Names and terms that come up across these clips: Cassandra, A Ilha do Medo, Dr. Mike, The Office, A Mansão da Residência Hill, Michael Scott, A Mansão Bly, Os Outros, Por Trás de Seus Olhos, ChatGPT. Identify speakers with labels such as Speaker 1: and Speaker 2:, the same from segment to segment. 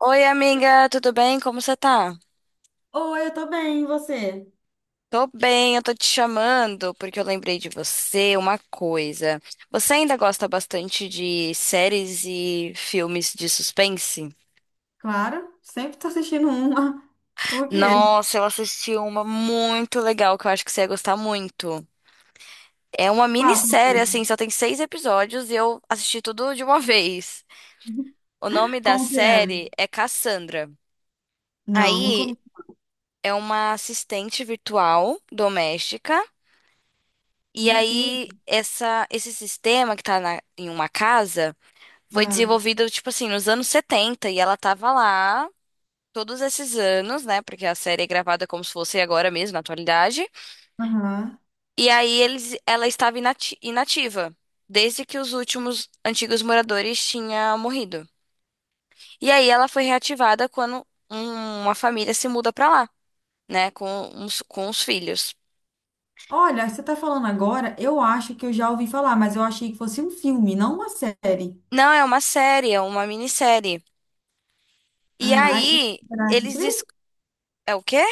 Speaker 1: Oi, amiga, tudo bem? Como você tá?
Speaker 2: Oi, eu tô bem, e você?
Speaker 1: Tô bem, eu tô te chamando porque eu lembrei de você uma coisa. Você ainda gosta bastante de séries e filmes de suspense?
Speaker 2: Claro, sempre tô assistindo uma. Por quê?
Speaker 1: Nossa, eu assisti uma muito legal que eu acho que você ia gostar muito. É uma
Speaker 2: Qual?
Speaker 1: minissérie, assim, só tem 6 episódios e eu assisti tudo de uma vez. O nome da
Speaker 2: Como que é?
Speaker 1: série é Cassandra.
Speaker 2: Não, nunca
Speaker 1: Aí
Speaker 2: ouvi.
Speaker 1: é uma assistente virtual doméstica. E
Speaker 2: Meu Deus.
Speaker 1: aí, esse sistema que tá em uma casa foi
Speaker 2: Ah,
Speaker 1: desenvolvido, tipo assim, nos anos 70 e ela tava lá todos esses anos, né? Porque a série é gravada como se fosse agora mesmo, na atualidade.
Speaker 2: aham.
Speaker 1: E aí, ela estava inativa, desde que os últimos antigos moradores tinham morrido. E aí, ela foi reativada quando uma família se muda pra lá, né? Com os filhos.
Speaker 2: Olha, você tá falando agora, eu acho que eu já ouvi falar, mas eu achei que fosse um filme, não uma série.
Speaker 1: Não, é uma série, é uma minissérie. E
Speaker 2: Ah,
Speaker 1: aí,
Speaker 2: é na
Speaker 1: eles.
Speaker 2: Netflix?
Speaker 1: É o quê?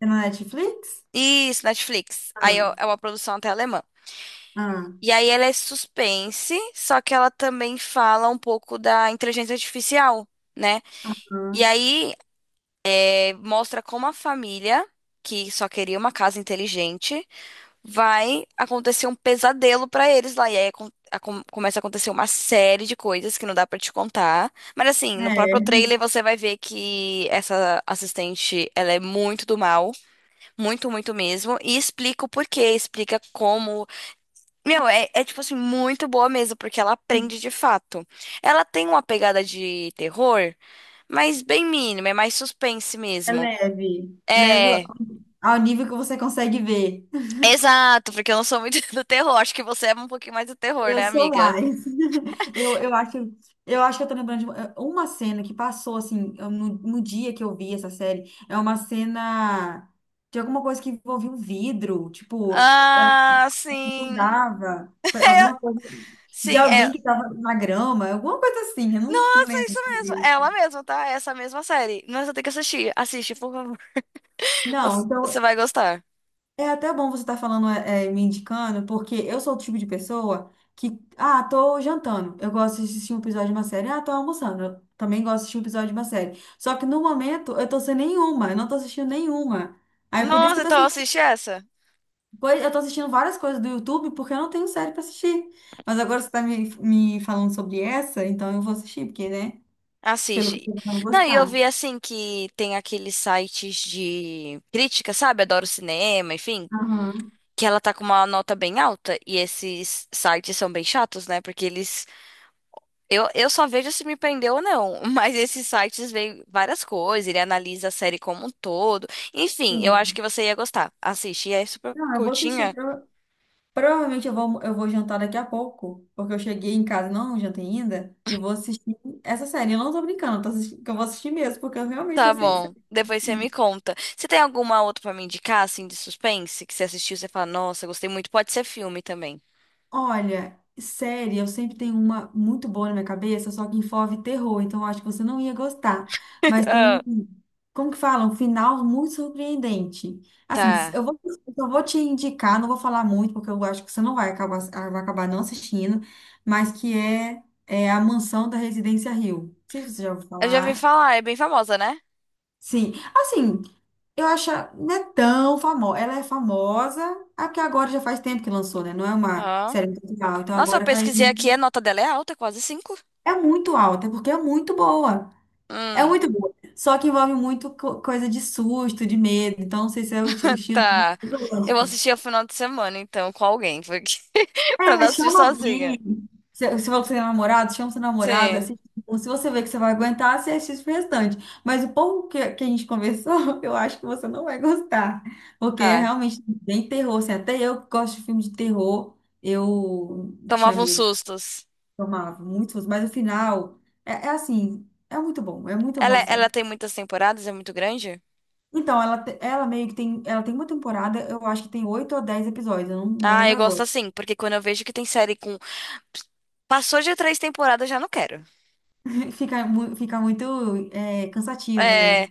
Speaker 2: É na Netflix?
Speaker 1: Isso, Netflix. Aí
Speaker 2: Ah,
Speaker 1: é uma produção até alemã.
Speaker 2: ah,
Speaker 1: E aí ela é suspense, só que ela também fala um pouco da inteligência artificial, né?
Speaker 2: ah.
Speaker 1: E aí mostra como a família, que só queria uma casa inteligente, vai acontecer um pesadelo pra eles lá. E aí começa a acontecer uma série de coisas que não dá pra te contar. Mas assim, no próprio
Speaker 2: É,
Speaker 1: trailer você vai ver que essa assistente, ela é muito do mal. Muito, muito mesmo. E explica o porquê, explica como. Meu, é tipo assim, muito boa mesmo, porque ela aprende de fato. Ela tem uma pegada de terror, mas bem mínima, é mais suspense
Speaker 2: é
Speaker 1: mesmo.
Speaker 2: leve. Leve
Speaker 1: É,
Speaker 2: ao nível que você consegue ver.
Speaker 1: exato, porque eu não sou muito do terror. Acho que você é um pouquinho mais do terror,
Speaker 2: Eu
Speaker 1: né,
Speaker 2: sou
Speaker 1: amiga?
Speaker 2: mais. Eu, eu acho, eu acho que eu tô lembrando de uma cena que passou, assim, no dia que eu vi essa série. É uma cena de alguma coisa que envolvia um vidro. Tipo, ela
Speaker 1: Ah, sim.
Speaker 2: mudava pra alguma coisa de
Speaker 1: Sim, é.
Speaker 2: alguém que tava na grama, alguma coisa assim, eu não
Speaker 1: Nossa,
Speaker 2: lembro.
Speaker 1: isso mesmo. É ela
Speaker 2: direito.
Speaker 1: mesma, tá? É essa mesma série. Nossa, tem que assistir. Assiste, por favor.
Speaker 2: Não,
Speaker 1: Você
Speaker 2: então
Speaker 1: vai gostar.
Speaker 2: é até bom você estar falando, é, é, me indicando, porque eu sou o tipo de pessoa que, ah, tô jantando, eu gosto de assistir um episódio de uma série, ah, tô almoçando, eu também gosto de assistir um episódio de uma série. Só que no momento eu tô sem nenhuma, eu não tô assistindo nenhuma. Aí por isso que
Speaker 1: Nossa,
Speaker 2: eu tô
Speaker 1: então
Speaker 2: assistindo,
Speaker 1: assiste essa.
Speaker 2: eu tô assistindo várias coisas do YouTube porque eu não tenho série pra assistir. Mas agora você tá me falando sobre essa, então eu vou assistir, porque, né, pelo que
Speaker 1: Assiste.
Speaker 2: eu tô vou
Speaker 1: Não, e eu
Speaker 2: gostar.
Speaker 1: vi assim que tem aqueles sites de crítica, sabe? Adoro cinema, enfim.
Speaker 2: Aham,
Speaker 1: Que ela tá com uma nota bem alta. E esses sites são bem chatos, né? Porque eles. Eu só vejo se me prendeu ou não. Mas esses sites veem várias coisas. Ele analisa a série como um todo. Enfim, eu acho
Speaker 2: sim.
Speaker 1: que você ia gostar. Assiste. E é super
Speaker 2: Não, eu vou assistir,
Speaker 1: curtinha.
Speaker 2: Provavelmente eu vou jantar daqui a pouco, porque eu cheguei em casa e não jantei ainda, e vou assistir essa série. Eu não tô brincando, que eu vou assistir mesmo, porque eu realmente
Speaker 1: Tá
Speaker 2: tô sem.
Speaker 1: bom. Depois você me conta. Você tem alguma outra pra me indicar, assim, de suspense? Que você assistiu e você fala, nossa, gostei muito. Pode ser filme também.
Speaker 2: Olha, série, eu sempre tenho uma muito boa na minha cabeça, só que envolve terror, então eu acho que você não ia gostar. Mas tem um, como que fala? Um final muito surpreendente. Assim,
Speaker 1: Tá.
Speaker 2: eu só vou te indicar, não vou falar muito, porque eu acho que você não vai acabar, ah, vai acabar não assistindo, mas que é A Mansão da Residência Hill. Não sei se você já ouviu
Speaker 1: Eu já vi
Speaker 2: falar.
Speaker 1: falar, é bem famosa, né?
Speaker 2: Sim, assim, eu acho, ah, não é tão famosa. Ela é famosa, é porque agora já faz tempo que lançou, né? Não é uma
Speaker 1: Ó.
Speaker 2: série muito legal. Então
Speaker 1: Nossa, eu
Speaker 2: agora caiu.
Speaker 1: pesquisei aqui, a nota dela é alta, quase 5.
Speaker 2: É muito alta, porque é muito boa. É
Speaker 1: Hum,
Speaker 2: muito boa. Só que envolve muito coisa de susto, de medo. Então, não sei se é o estilo que
Speaker 1: tá.
Speaker 2: você
Speaker 1: Eu vou
Speaker 2: gosta.
Speaker 1: assistir ao final de semana, então, com alguém, porque pra
Speaker 2: É,
Speaker 1: não assistir
Speaker 2: chama
Speaker 1: sozinha.
Speaker 2: alguém. Se você é namorado, chama seu namorado,
Speaker 1: Sim,
Speaker 2: assiste. Se você vê que você vai aguentar, você assiste o restante. Mas o pouco que a gente conversou, eu acho que você não vai gostar. Porque é
Speaker 1: tá.
Speaker 2: realmente bem terror. Assim, até eu que gosto de filme de terror, eu tinha
Speaker 1: Tomava uns
Speaker 2: medo,
Speaker 1: sustos.
Speaker 2: tomava muito susto. Mas o final, é assim, é muito bom. É muito bom
Speaker 1: Ela,
Speaker 2: a
Speaker 1: ela
Speaker 2: série.
Speaker 1: tem muitas temporadas, é muito grande?
Speaker 2: Então, ela, ela meio que tem, ela tem uma temporada, eu acho que tem oito ou 10 episódios, eu não, não
Speaker 1: Ah,
Speaker 2: lembro
Speaker 1: eu gosto
Speaker 2: agora.
Speaker 1: assim, porque quando eu vejo que tem série com. Passou de 3 temporadas, eu já não quero.
Speaker 2: Fica muito cansativo, né?
Speaker 1: É.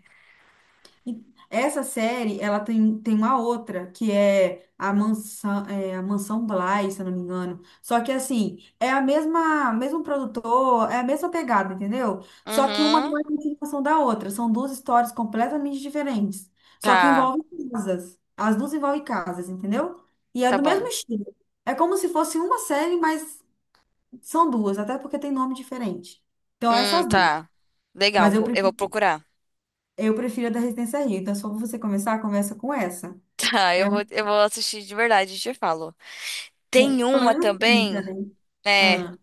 Speaker 2: Essa série, ela tem, tem uma outra, que é, a Mansão Bly, se eu não me engano. Só que, assim, é mesmo produtor, é a mesma pegada, entendeu? Só que uma
Speaker 1: Uhum.
Speaker 2: não é a continuação da outra. São duas histórias completamente diferentes. Só que
Speaker 1: Tá,
Speaker 2: envolvem casas. As duas envolvem casas, entendeu? E é
Speaker 1: tá
Speaker 2: do mesmo
Speaker 1: bom.
Speaker 2: estilo. É como se fosse uma série, mas são duas, até porque tem nome diferente. Então, essas duas.
Speaker 1: Tá. Legal,
Speaker 2: Mas eu
Speaker 1: eu vou
Speaker 2: prefiro
Speaker 1: procurar.
Speaker 2: eu prefiro a da Resistência Rio. Então, se for você começar, começa com essa.
Speaker 1: Tá, eu
Speaker 2: É,
Speaker 1: vou, eu vou assistir de verdade, e te falo. Tem
Speaker 2: pelo
Speaker 1: uma
Speaker 2: menos tenta,
Speaker 1: também,
Speaker 2: né?
Speaker 1: é,
Speaker 2: Ah,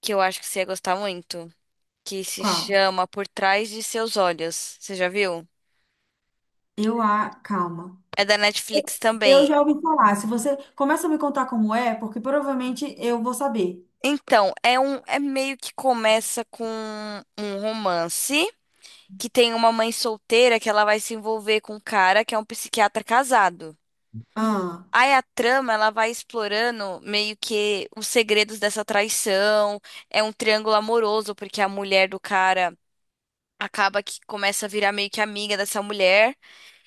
Speaker 1: que eu acho que você ia gostar muito, que se
Speaker 2: qual?
Speaker 1: chama Por Trás de Seus Olhos. Você já viu?
Speaker 2: Eu a. Calma.
Speaker 1: É da Netflix
Speaker 2: Eu
Speaker 1: também.
Speaker 2: já ouvi falar. Se você começa a me contar como é, porque provavelmente eu vou saber.
Speaker 1: Então, é meio que começa com um romance que tem uma mãe solteira que ela vai se envolver com um cara que é um psiquiatra casado.
Speaker 2: Ah,
Speaker 1: Aí a trama, ela vai explorando meio que os segredos dessa traição, é um triângulo amoroso, porque a mulher do cara acaba que começa a virar meio que amiga dessa mulher,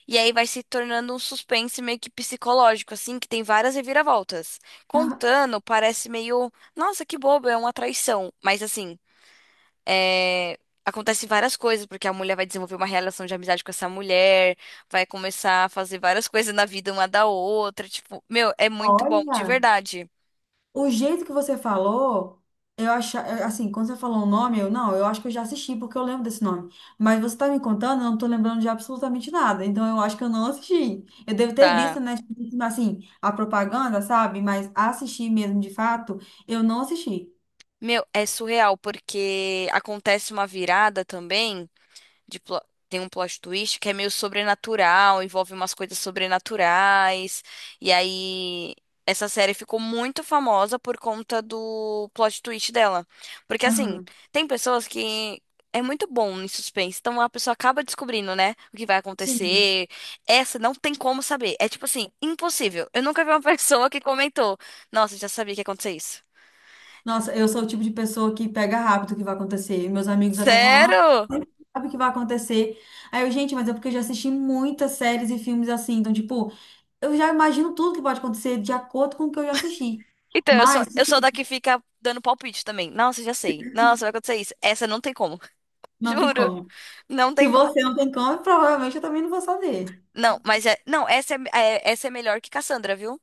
Speaker 1: e aí vai se tornando um suspense meio que psicológico, assim, que tem várias reviravoltas.
Speaker 2: ah,
Speaker 1: Contando, parece meio, nossa, que bobo, é uma traição. Mas assim, é... acontece várias coisas, porque a mulher vai desenvolver uma relação de amizade com essa mulher, vai começar a fazer várias coisas na vida uma da outra, tipo, meu, é muito bom, de
Speaker 2: olha.
Speaker 1: verdade,
Speaker 2: O jeito que você falou, eu acho, assim, quando você falou o nome, eu não, eu acho que eu já assisti porque eu lembro desse nome. Mas você tá me contando, eu não tô lembrando de absolutamente nada. Então eu acho que eu não assisti. Eu devo ter
Speaker 1: tá?
Speaker 2: visto, né, tipo assim, a propaganda, sabe? Mas assistir mesmo de fato, eu não assisti.
Speaker 1: Meu, é surreal, porque acontece uma virada também. de plo- Tem um plot twist que é meio sobrenatural, envolve umas coisas sobrenaturais. E aí essa série ficou muito famosa por conta do plot twist dela. Porque assim,
Speaker 2: Aham.
Speaker 1: tem pessoas que é muito bom em suspense, então a pessoa acaba descobrindo, né, o que vai
Speaker 2: Sim.
Speaker 1: acontecer. Essa não tem como saber. É tipo assim, impossível. Eu nunca vi uma pessoa que comentou: "Nossa, já sabia que ia acontecer isso".
Speaker 2: Nossa, eu sou o tipo de pessoa que pega rápido o que vai acontecer. E meus amigos até falam, nossa,
Speaker 1: Sério?
Speaker 2: você sabe o que vai acontecer. Aí eu, gente, mas é porque eu já assisti muitas séries e filmes assim, então, tipo, eu já imagino tudo que pode acontecer de acordo com o que eu já assisti.
Speaker 1: Então, eu sou,
Speaker 2: Mas
Speaker 1: eu sou da que fica dando palpite também. Nossa, já sei. Nossa, vai acontecer isso. Essa não tem como.
Speaker 2: não tem
Speaker 1: Juro.
Speaker 2: como.
Speaker 1: Não
Speaker 2: Se
Speaker 1: tem como.
Speaker 2: você não tem como, provavelmente eu também não vou saber.
Speaker 1: Não, mas é. Não, essa essa é melhor que Cassandra, viu?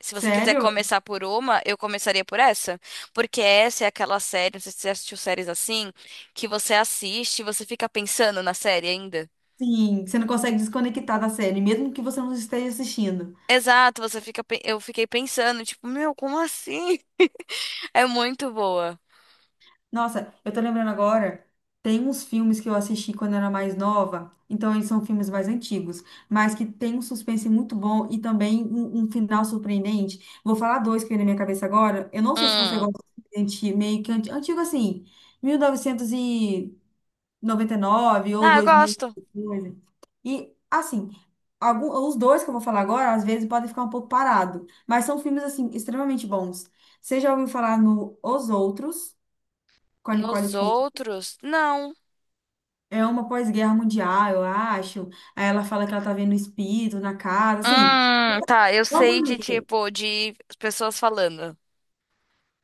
Speaker 1: Se você quiser
Speaker 2: Sério?
Speaker 1: começar por uma, eu começaria por essa. Porque essa é aquela série, não sei se você assistiu séries assim, que você assiste e você fica pensando na série ainda.
Speaker 2: Sim, você não consegue desconectar da série, mesmo que você não esteja assistindo.
Speaker 1: Exato, você fica. Eu fiquei pensando, tipo, meu, como assim? É muito boa.
Speaker 2: Nossa, eu tô lembrando agora, tem uns filmes que eu assisti quando eu era mais nova, então eles são filmes mais antigos, mas que tem um suspense muito bom e também um final surpreendente. Vou falar dois que vem na minha cabeça agora. Eu não sei se você
Speaker 1: Hum.
Speaker 2: gosta de antigo assim, 1999 ou
Speaker 1: Ah, eu
Speaker 2: 2000
Speaker 1: gosto.
Speaker 2: e coisa. E, assim, algum, os dois que eu vou falar agora, às vezes podem ficar um pouco parado, mas são filmes, assim, extremamente bons. Você já ouviu falar no Os Outros, com a Nicole
Speaker 1: Nos
Speaker 2: Kidman?
Speaker 1: outros, não.
Speaker 2: É uma pós-guerra mundial, eu acho. Aí ela fala que ela tá vendo espírito na casa, assim.
Speaker 1: Tá, eu
Speaker 2: Não vou
Speaker 1: sei de
Speaker 2: ler.
Speaker 1: tipo, de pessoas falando.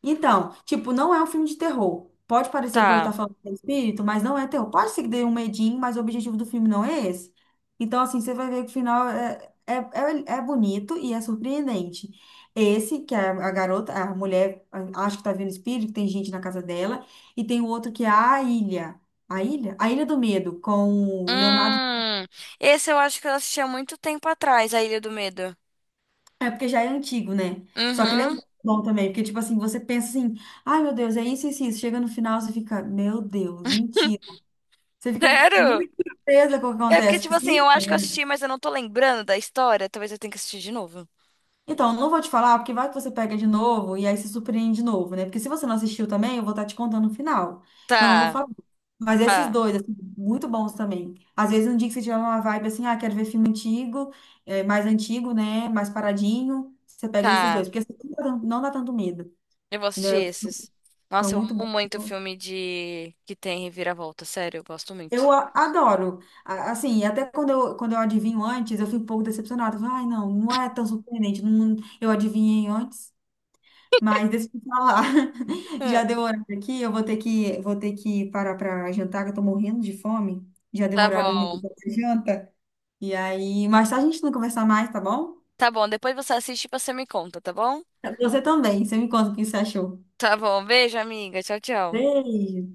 Speaker 2: Então, tipo, não é um filme de terror. Pode parecer por eu
Speaker 1: Tá.
Speaker 2: estar falando de espírito, mas não é terror. Pode ser que dê um medinho, mas o objetivo do filme não é esse. Então, assim, você vai ver que o final é bonito e é surpreendente. Esse, que é a garota, a mulher, acha que tá vendo espírito, tem gente na casa dela, e tem o outro que é a ilha. A ilha? A Ilha do Medo, com o Leonardo.
Speaker 1: Hum, Esse eu acho que eu assisti há muito tempo atrás, A Ilha do Medo.
Speaker 2: É porque já é antigo, né? Só que ele é
Speaker 1: Uhum.
Speaker 2: muito bom também, porque, tipo assim, você pensa assim. Ai, meu Deus, é isso, isso, isso. Chega no final, você fica, meu Deus, mentira. Você fica
Speaker 1: Sério?
Speaker 2: muito surpresa com o que
Speaker 1: É porque,
Speaker 2: acontece.
Speaker 1: tipo
Speaker 2: Porque você não
Speaker 1: assim, eu acho que eu
Speaker 2: espera.
Speaker 1: assisti, mas eu não tô lembrando da história. Talvez eu tenha que assistir de novo.
Speaker 2: Então, eu não vou te falar, porque vai que você pega de novo e aí se surpreende de novo, né? Porque se você não assistiu também, eu vou estar te contando o final. Então, eu não vou
Speaker 1: Tá,
Speaker 2: falar. Mas esses
Speaker 1: tá,
Speaker 2: dois, assim, muito bons também. Às vezes, um dia que você tiver uma vibe assim, ah, quero ver filme antigo, eh, mais antigo, né? Mais paradinho, você pega esses
Speaker 1: tá.
Speaker 2: dois. Porque assim, não dá tanto medo,
Speaker 1: Eu vou assistir
Speaker 2: entendeu?
Speaker 1: esses.
Speaker 2: São
Speaker 1: Nossa, eu
Speaker 2: muito bons.
Speaker 1: amo muito filme de que tem reviravolta. Sério, eu gosto muito.
Speaker 2: Adoro. Assim, até quando quando eu adivinho antes, eu fico um pouco decepcionada. Eu falo, ai, não, não é tão surpreendente. Não, eu adivinhei antes. Mas deixa eu te falar. Já
Speaker 1: Hum,
Speaker 2: deu horário aqui, eu vou ter que parar para jantar, que eu tô morrendo de fome. Já deu
Speaker 1: tá
Speaker 2: horário do meu
Speaker 1: bom.
Speaker 2: da minha janta. E aí, mais tarde a gente não conversar mais, tá bom?
Speaker 1: Tá bom, depois você assiste e você me conta, tá bom?
Speaker 2: Você também. Você me conta o que você achou.
Speaker 1: Tá bom, beijo, amiga. Tchau, tchau.
Speaker 2: Beijo.